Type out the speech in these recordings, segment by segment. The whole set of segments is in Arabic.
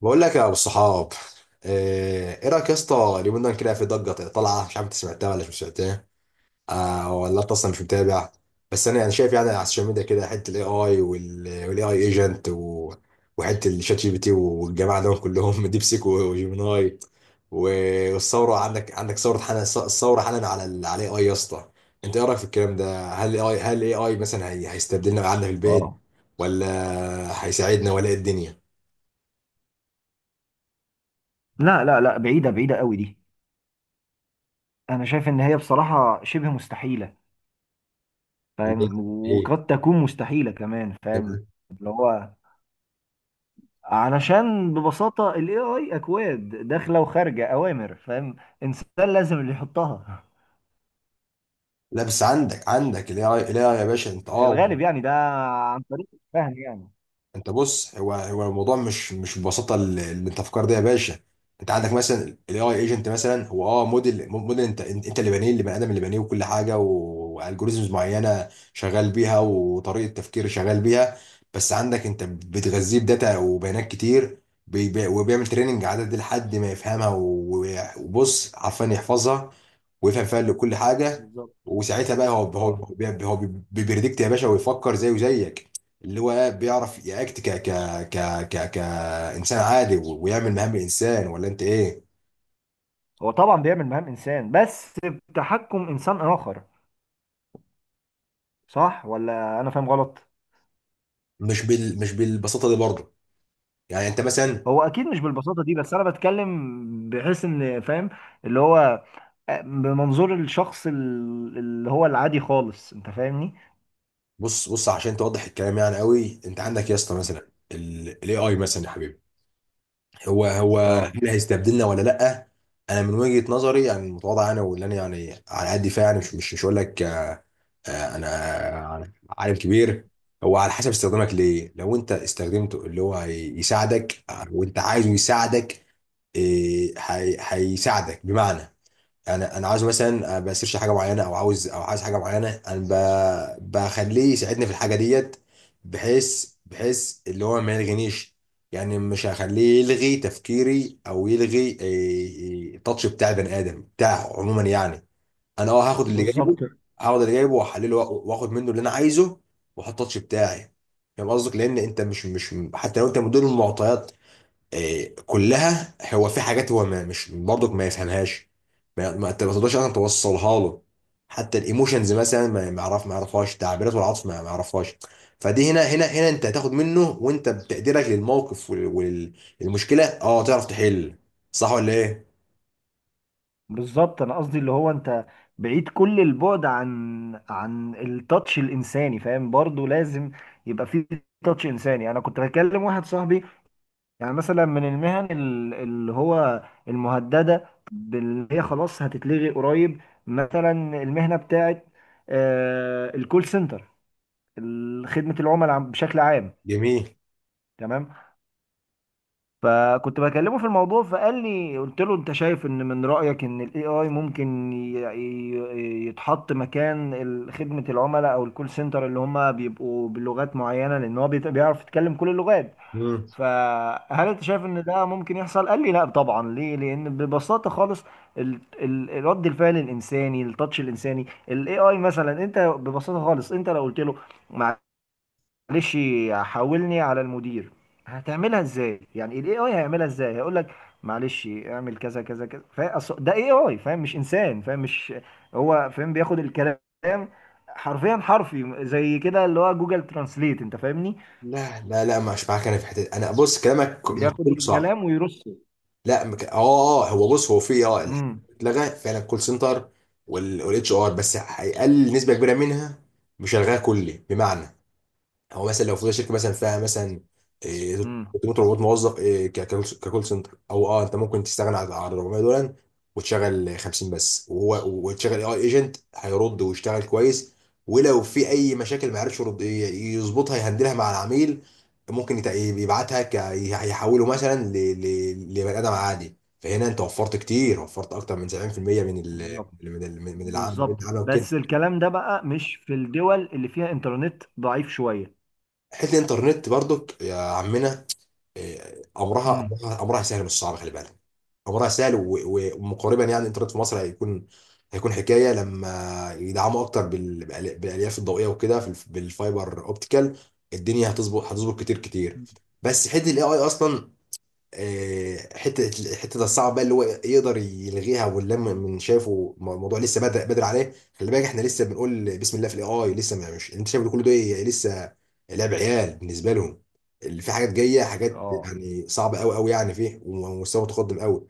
بقول لك يا ابو الصحاب. آه، ايه رايك يا اسطى؟ اليومين دول كده في ضجه طالعه، مش عارف انت سمعتها ولا مش سمعتها. آه، ولا انت اصلا مش متابع. بس انا شايف على السوشيال ميديا كده حته الاي اي والاي اي ايجنت، وحته الشات جي بي تي والجماعه دول كلهم ديب سيك وجيميناي. و- والثوره، عندك ثوره حالا، الثوره حالا على على الاي اي يا اسطى. انت ايه رايك في الكلام ده؟ هل الاي اي، مثلا هيستبدلنا قعدنا في البيت، اه، ولا هيساعدنا، ولا إيه الدنيا؟ لا لا لا، بعيدة بعيدة قوي دي. انا شايف ان هي بصراحة شبه مستحيلة، فاهم، ايه، وقد تكون مستحيلة كمان، فاهم اللي هو، علشان ببساطة ال AI أكواد داخلة وخارجة أوامر، فاهم، إنسان لازم اللي يحطها لا، بس عندك الاي اي يا باشا، انت في اه. الغالب يعني ده، عن طريق الفهم يعني. انت بص، هو الموضوع مش ببساطه اللي انت فكر ده يا باشا. انت عندك مثلا الاي اي ايجنت، مثلا هو اه موديل، انت اللي بانيه، اللي بني ادم اللي بانيه، وكل حاجه، والجوريزمز معينه شغال بيها، وطريقه تفكير شغال بيها. بس عندك انت بتغذيه بداتا وبيانات كتير، وبيعمل تريننج عدد لحد ما يفهمها، وبص عارفان يحفظها ويفهم فيها كل حاجه. بالظبط. وساعتها بقى هو اه، هو هو بيبريدكت يا باشا، ويفكر زيه زيك. اللي هو بيعرف ياكت ك ك ك ك كانسان عادي، ويعمل مهام الانسان، ولا انت ايه؟ هو طبعا بيعمل مهام إنسان، بس بتحكم إنسان آخر، صح ولا أنا فاهم غلط؟ مش بال، مش بالبساطه دي برضه. يعني انت مثلا، هو أكيد مش بالبساطة دي، بس أنا بتكلم بحيث إن، فاهم اللي هو، بمنظور الشخص اللي هو العادي خالص، انت فاهمني. بص عشان توضح الكلام يعني قوي. انت عندك يا اسطى مثلا الاي اي، مثلا يا حبيبي، هو اه، هل هيستبدلنا ولا لا؟ انا من وجهه نظري يعني المتواضعه، انا واللي انا يعني على قد فيها يعني، مش هقول لك انا أنا عالم كبير. هو على حسب استخدامك ليه. لو انت استخدمته اللي هو يساعدك، آه، وانت عايزه يساعدك، إيه، هيساعدك بمعنى. انا عاوز مثلا بسيرش حاجه معينه، او عاوز او عايز حاجه معينه، انا بخليه يساعدني في الحاجه ديت، بحيث اللي هو ما يلغينيش. يعني مش هخليه يلغي تفكيري، او يلغي إيه، التاتش بتاع البني ادم بتاعه عموما يعني. انا اه هاخد اللي جايبه، بالظبط. هاخد اللي جايبه واحلله، واخد منه اللي انا عايزه، واحط التاتش بتاعي. فاهم قصدك، لان انت مش، حتى لو انت مدير المعطيات إيه، كلها، هو في حاجات هو ما مش برضك ما يفهمهاش، ما ما انت ما تقدرش اصلا توصلها له. حتى الايموشنز مثلا، ما ما يعرف، ما يعرفهاش، تعبيرات والعطف ما يعرفهاش. فدي هنا، انت هتاخد منه، وانت بتقديرك للموقف والمشكله اه تعرف تحل. صح ولا ايه؟ بالظبط، انا قصدي اللي هو انت بعيد كل البعد عن عن التاتش الانساني، فاهم، برضو لازم يبقى فيه تاتش انساني. انا كنت بكلم واحد صاحبي، يعني مثلا من المهن اللي هو المهدده، اللي هي خلاص هتتلغي قريب، مثلا المهنه بتاعت الكول سنتر، خدمه العملاء بشكل عام، جميل. تمام. فكنت بكلمه في الموضوع، فقال لي، قلت له انت شايف ان، من رأيك ان الاي اي ممكن يتحط مكان خدمة العملاء او الكول سنتر، اللي هم بيبقوا بلغات معينة، لان هو بيعرف يتكلم كل اللغات، مم. فهل انت شايف ان ده ممكن يحصل؟ قال لي لا طبعا، ليه؟ لان ببساطة خالص رد الفعل الانساني، التاتش الانساني، الاي اي مثلا، انت ببساطة خالص انت لو قلت له معلش حاولني على المدير، هتعملها ازاي؟ يعني الاي اي هيعملها ازاي؟ هيقول لك معلش اعمل كذا كذا كذا، ده اي اي، فاهم، مش انسان، فاهم، مش هو فاهم، بياخد الكلام حرفيا، حرفي زي كده، اللي هو جوجل ترانسليت، انت فاهمني، لا لا لا، مش معاك انا في حته. انا بص، كلامك مش بياخد كله صح. الكلام ويرصه. لا مك... اه. اه، هو بص، هو في اه الحاجات امم اللي اتلغى فعلا، الكول سنتر والاتش ار، بس هيقلل نسبه كبيره منها، مش هيلغاها كلي، بمعنى. هو مثلا لو في شركه مثلا فيها مثلا إيه، امم. 300 400 موظف إيه، ك- ككول سنتر، او اه انت ممكن تستغنى عن 400 دول، وتشغل 50 بس، وهو اي ايجنت هيرد ويشتغل كويس. ولو في اي مشاكل ما عرفش يرد، يظبطها، يهندلها مع العميل. ممكن يبعتها يحوله مثلا لبني ادم عادي. فهنا انت وفرت كتير، وفرت اكتر من 70% من ال بالظبط. من ال من العام من بالظبط، العمل وكده. بس الكلام ده بقى مش في الدول اللي فيها انترنت ضعيف شوية. حته الانترنت برضك يا عمنا، إيه، امم. امرها سهل، مش صعب، خلي بالك. امرها سهل، ومقاربا يعني الانترنت في مصر هيكون، حكايه لما يدعموا اكتر بالالياف الضوئيه وكده، في بالفايبر اوبتيكال. الدنيا هتظبط، هتظبط كتير كتير. بس حته الاي اي اصلا، آه، حته الصعبه بقى اللي هو يقدر يلغيها، ولا من من شايفه الموضوع لسه بدري، عليه. خلي بالك احنا لسه بنقول بسم الله في الاي اي، لسه ما، مش انت شايف كل ده إيه؟ لسه لعب عيال بالنسبه لهم. اللي في حاجات جايه، حاجات اه. يعني صعبه قوي قوي يعني، فيه ومستوى متقدم قوي.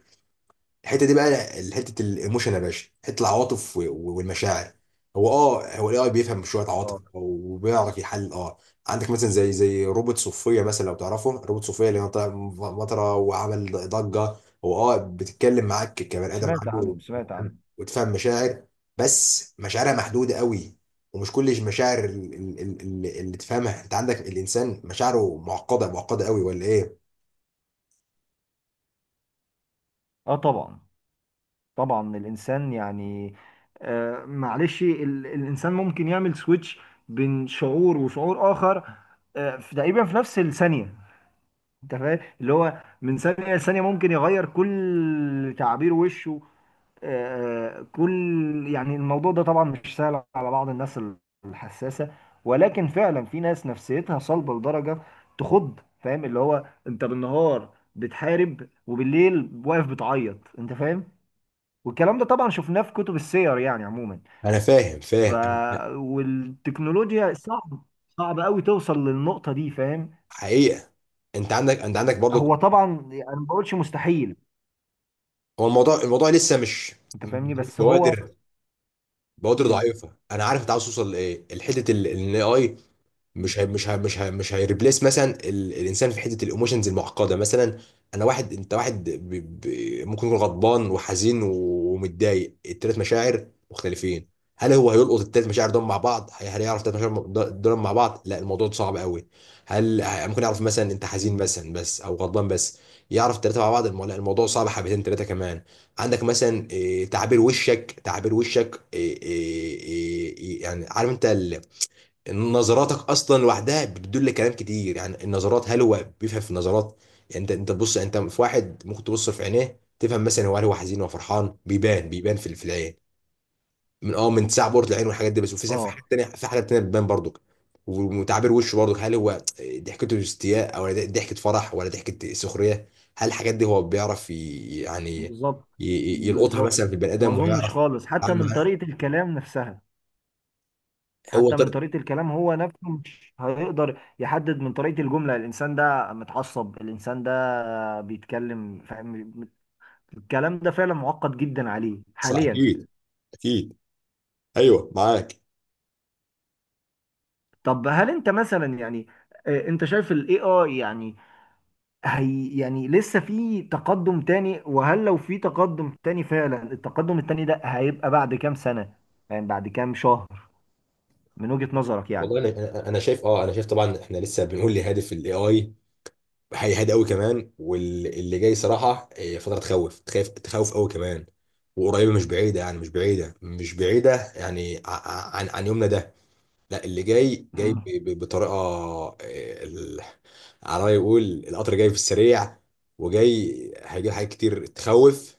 الحته دي بقى، حته الايموشن يا باشا، حته العواطف والمشاعر. هو اه، هو الاي اي بيفهم شويه عواطف، اه، وبيعرف يحلل اه. عندك مثلا زي روبوت صوفيا مثلا، لو تعرفه روبوت صوفيا، اللي هو طلع مطره وعمل ضجه، هو اه بتتكلم معاك كبني ادم، سمعت عنده عنهم، سمعت وتفهم، عنهم. مشاعر. بس مشاعرها محدوده قوي، ومش كل المشاعر اللي تفهمها. انت عندك الانسان مشاعره معقده، معقده قوي، ولا ايه؟ اه طبعا، طبعا الانسان يعني، معلش، الانسان ممكن يعمل سويتش بين شعور وشعور اخر، تقريبا في نفس الثانيه، انت فاهم، اللي هو من ثانيه لثانيه ممكن يغير كل تعابير وشه، كل، يعني الموضوع ده طبعا مش سهل على بعض الناس الحساسه، ولكن فعلا في ناس نفسيتها صلبه لدرجه تخض، فاهم، اللي هو انت بالنهار بتحارب وبالليل واقف بتعيط، انت فاهم، والكلام ده طبعا شفناه في كتب السير يعني عموما. انا فاهم، ف، والتكنولوجيا صعب، صعب قوي توصل للنقطة دي، فاهم. حقيقه. انت عندك، هو برضو، طبعا انا ما بقولش مستحيل، هو الموضوع، لسه مش، انت فاهمني، بس هو. بوادر، بوادر امم. ضعيفه. انا عارف انت عاوز توصل لايه، الحته الاي، مش هي، مش هيريبليس مثلا ال... الانسان في حته الايموشنز المعقده مثلا. انا واحد، انت واحد، ب... ب... ممكن يكون غضبان وحزين ومتضايق، التلات مشاعر مختلفين. هل هو هيلقط التلات مشاعر دول مع بعض، هل يعرف التلات مشاعر دول مع بعض؟ لا، الموضوع ده صعب قوي. هل ممكن يعرف مثلا انت حزين مثلا بس، او غضبان بس؟ يعرف التلاته مع بعض لا، الموضوع صعب حبتين تلاته كمان. عندك مثلا إيه، تعبير وشك، إيه، يعني عارف انت، نظراتك اصلا لوحدها بتدل كلام كتير. يعني النظرات، هل هو بيفهم في النظرات؟ يعني انت، تبص، انت في واحد ممكن تبص في عينيه تفهم مثلا هو، هل هو حزين ولا فرحان، بيبان، في العين من اه من تسع بورة العين والحاجات دي بس. وفي حاجات اه، تانية، بتبان برضك، وتعبير وشه برضك، هل هو ضحكته استياء، او ضحكة فرح، ولا ضحكة سخرية؟ هل الحاجات دي هو بيعرف يعني بالظبط. يلقطها بالظبط، مثلا في البني ما ادم، اظنش ويعرف خالص، حتى يتعامل من معاها؟ طريقة الكلام نفسها، هو حتى من طريق، طريقة الكلام هو نفسه مش هيقدر يحدد من طريقة الجملة الإنسان ده متعصب، الإنسان ده بيتكلم، فاهم، الكلام ده فعلا معقد جدا عليه صح، حاليا. اكيد اكيد. ايوه معاك. طب هل انت مثلا يعني، انت شايف الاي اي يعني هي يعني لسه في تقدم تاني؟ وهل لو في تقدم تاني فعلا، التقدم التاني ده هيبقى بعد كام سنة؟ يعني بعد كام شهر من وجهة نظرك يعني؟ والله انا، أنا شايف اه، انا شايف طبعا، احنا لسه بنقول لهادف الاي اي، هيهاد قوي كمان. واللي جاي صراحه إيه، فتره تخوف، تخاف، قوي كمان. وقريبه مش بعيده، يعني مش بعيده، يعني عن يومنا ده. لا، اللي جاي جاي مم. بطريقه إيه، على ما يقول القطر جاي في السريع. وجاي هيجيب حاجات كتير تخوف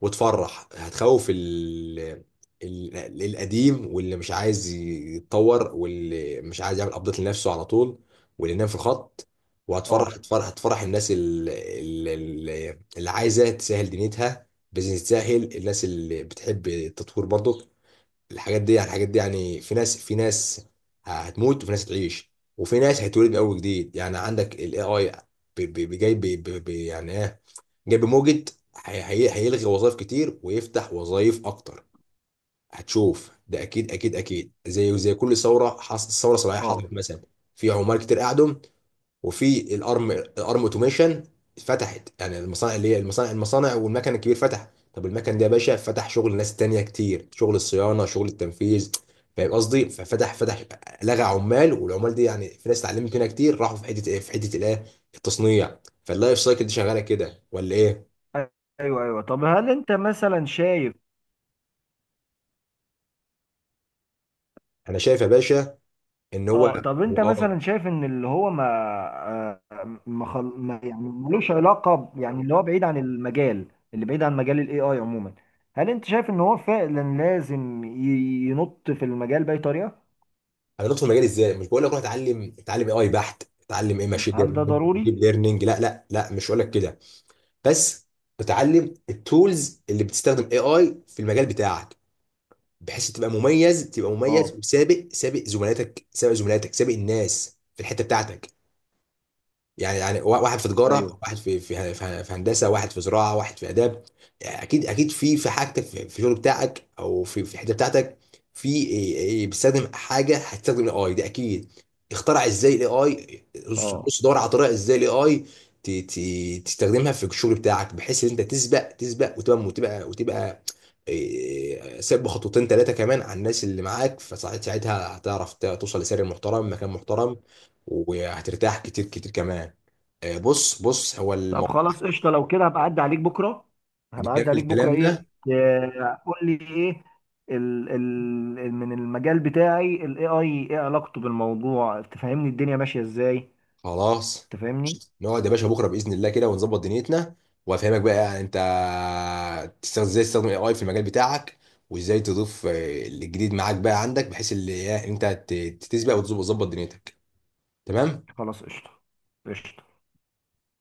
وتفرح. هتخوف ال... ال... القديم، واللي مش عايز يتطور، واللي مش عايز يعمل ابديت لنفسه على طول، واللي نام في الخط. وهتفرح، اه. هتفرح هتفرح الناس اللي عايزه تسهل دنيتها، بزنس، تسهل الناس اللي بتحب التطوير برضو. الحاجات دي يعني، في ناس، هتموت، وفي ناس هتعيش، وفي ناس هيتولد من اول جديد. يعني عندك الاي اي جاي يعني ايه، جنب موجة، هيلغي وظائف كتير ويفتح وظائف اكتر. هتشوف ده اكيد، اكيد زي كل ثوره حصلت. ثوره صناعيه اه، حصلت مثلا، في عمال كتير قعدوا، وفي الارم، اوتوميشن فتحت. يعني المصانع اللي هي المصانع، والمكن الكبير فتح. طب المكن ده يا باشا فتح شغل ناس تانية كتير، شغل الصيانه، شغل التنفيذ. فاهم قصدي؟ ففتح، لغى عمال، والعمال دي يعني في ناس اتعلمت منها كتير، راحوا في حته ايه، في حته الايه، التصنيع. فاللايف سايكل دي شغاله كده، ولا ايه؟ ايوه ايوه. طب هل انت مثلا شايف، انا شايف يا باشا ان هو، اه طب انت هو اه مثلا شايف ان اللي هو ما، آه، ما, خل... ما يعني ملوش علاقه يعني اللي هو بعيد عن المجال، اللي بعيد عن مجال الاي اي عموما، هل انت شايف ان هو فعلا لازم ينط في المجال باي طريقه؟ هندخل المجال ازاي؟ مش بقول لك روح اتعلم، اي اي بحت، اتعلم ايه، ماشين هل ده ليرنينج، ضروري؟ ديب ليرنينج، لا لا لا، مش هقول لك كده. بس اتعلم التولز اللي بتستخدم اي اي في المجال بتاعك، بحيث تبقى مميز، اه. وسابق، زملاتك، سابق الناس في الحته بتاعتك. يعني واحد في تجاره، ايوه. واحد في هندسه، واحد في زراعه، واحد في اداب. يعني اكيد، في حاجتك، في الشغل بتاعك، او في الحته بتاعتك، في إيه- إيه بتستخدم حاجه، هتستخدم الاي اي ده اكيد. اخترع ازاي الاي اي؟ بص، اه، دور على طريقه ازاي الاي اي تستخدمها في الشغل بتاعك، بحيث ان انت تسبق، وتبقى، إيه، سابق خطوتين ثلاثه كمان عن الناس اللي معاك. فساعتها هتعرف توصل لسعر محترم، مكان محترم، وهترتاح كتير كتير كمان. آه، بص، هو طب الموضوع، خلاص قشطه، لو كده هبقى اعدي عليك بكره، هبقى اعدي نكمل عليك بكره كلامنا. ايه، قول لي ايه، ال ال من المجال بتاعي الاي اي ايه علاقته بالموضوع، تفهمني الدنيا ماشيه ازاي، خلاص تفهمني. نقعد يا باشا بكره باذن الله كده ونظبط دنيتنا، وافهمك بقى انت تستخدم ازاي، الاي اي في المجال بتاعك، وازاي تضيف آه، الجديد معاك بقى عندك، بحيث اللي إيه، انت تسبق وتظبط، دنيتك. تمام. خلاص قشطة. قشطة.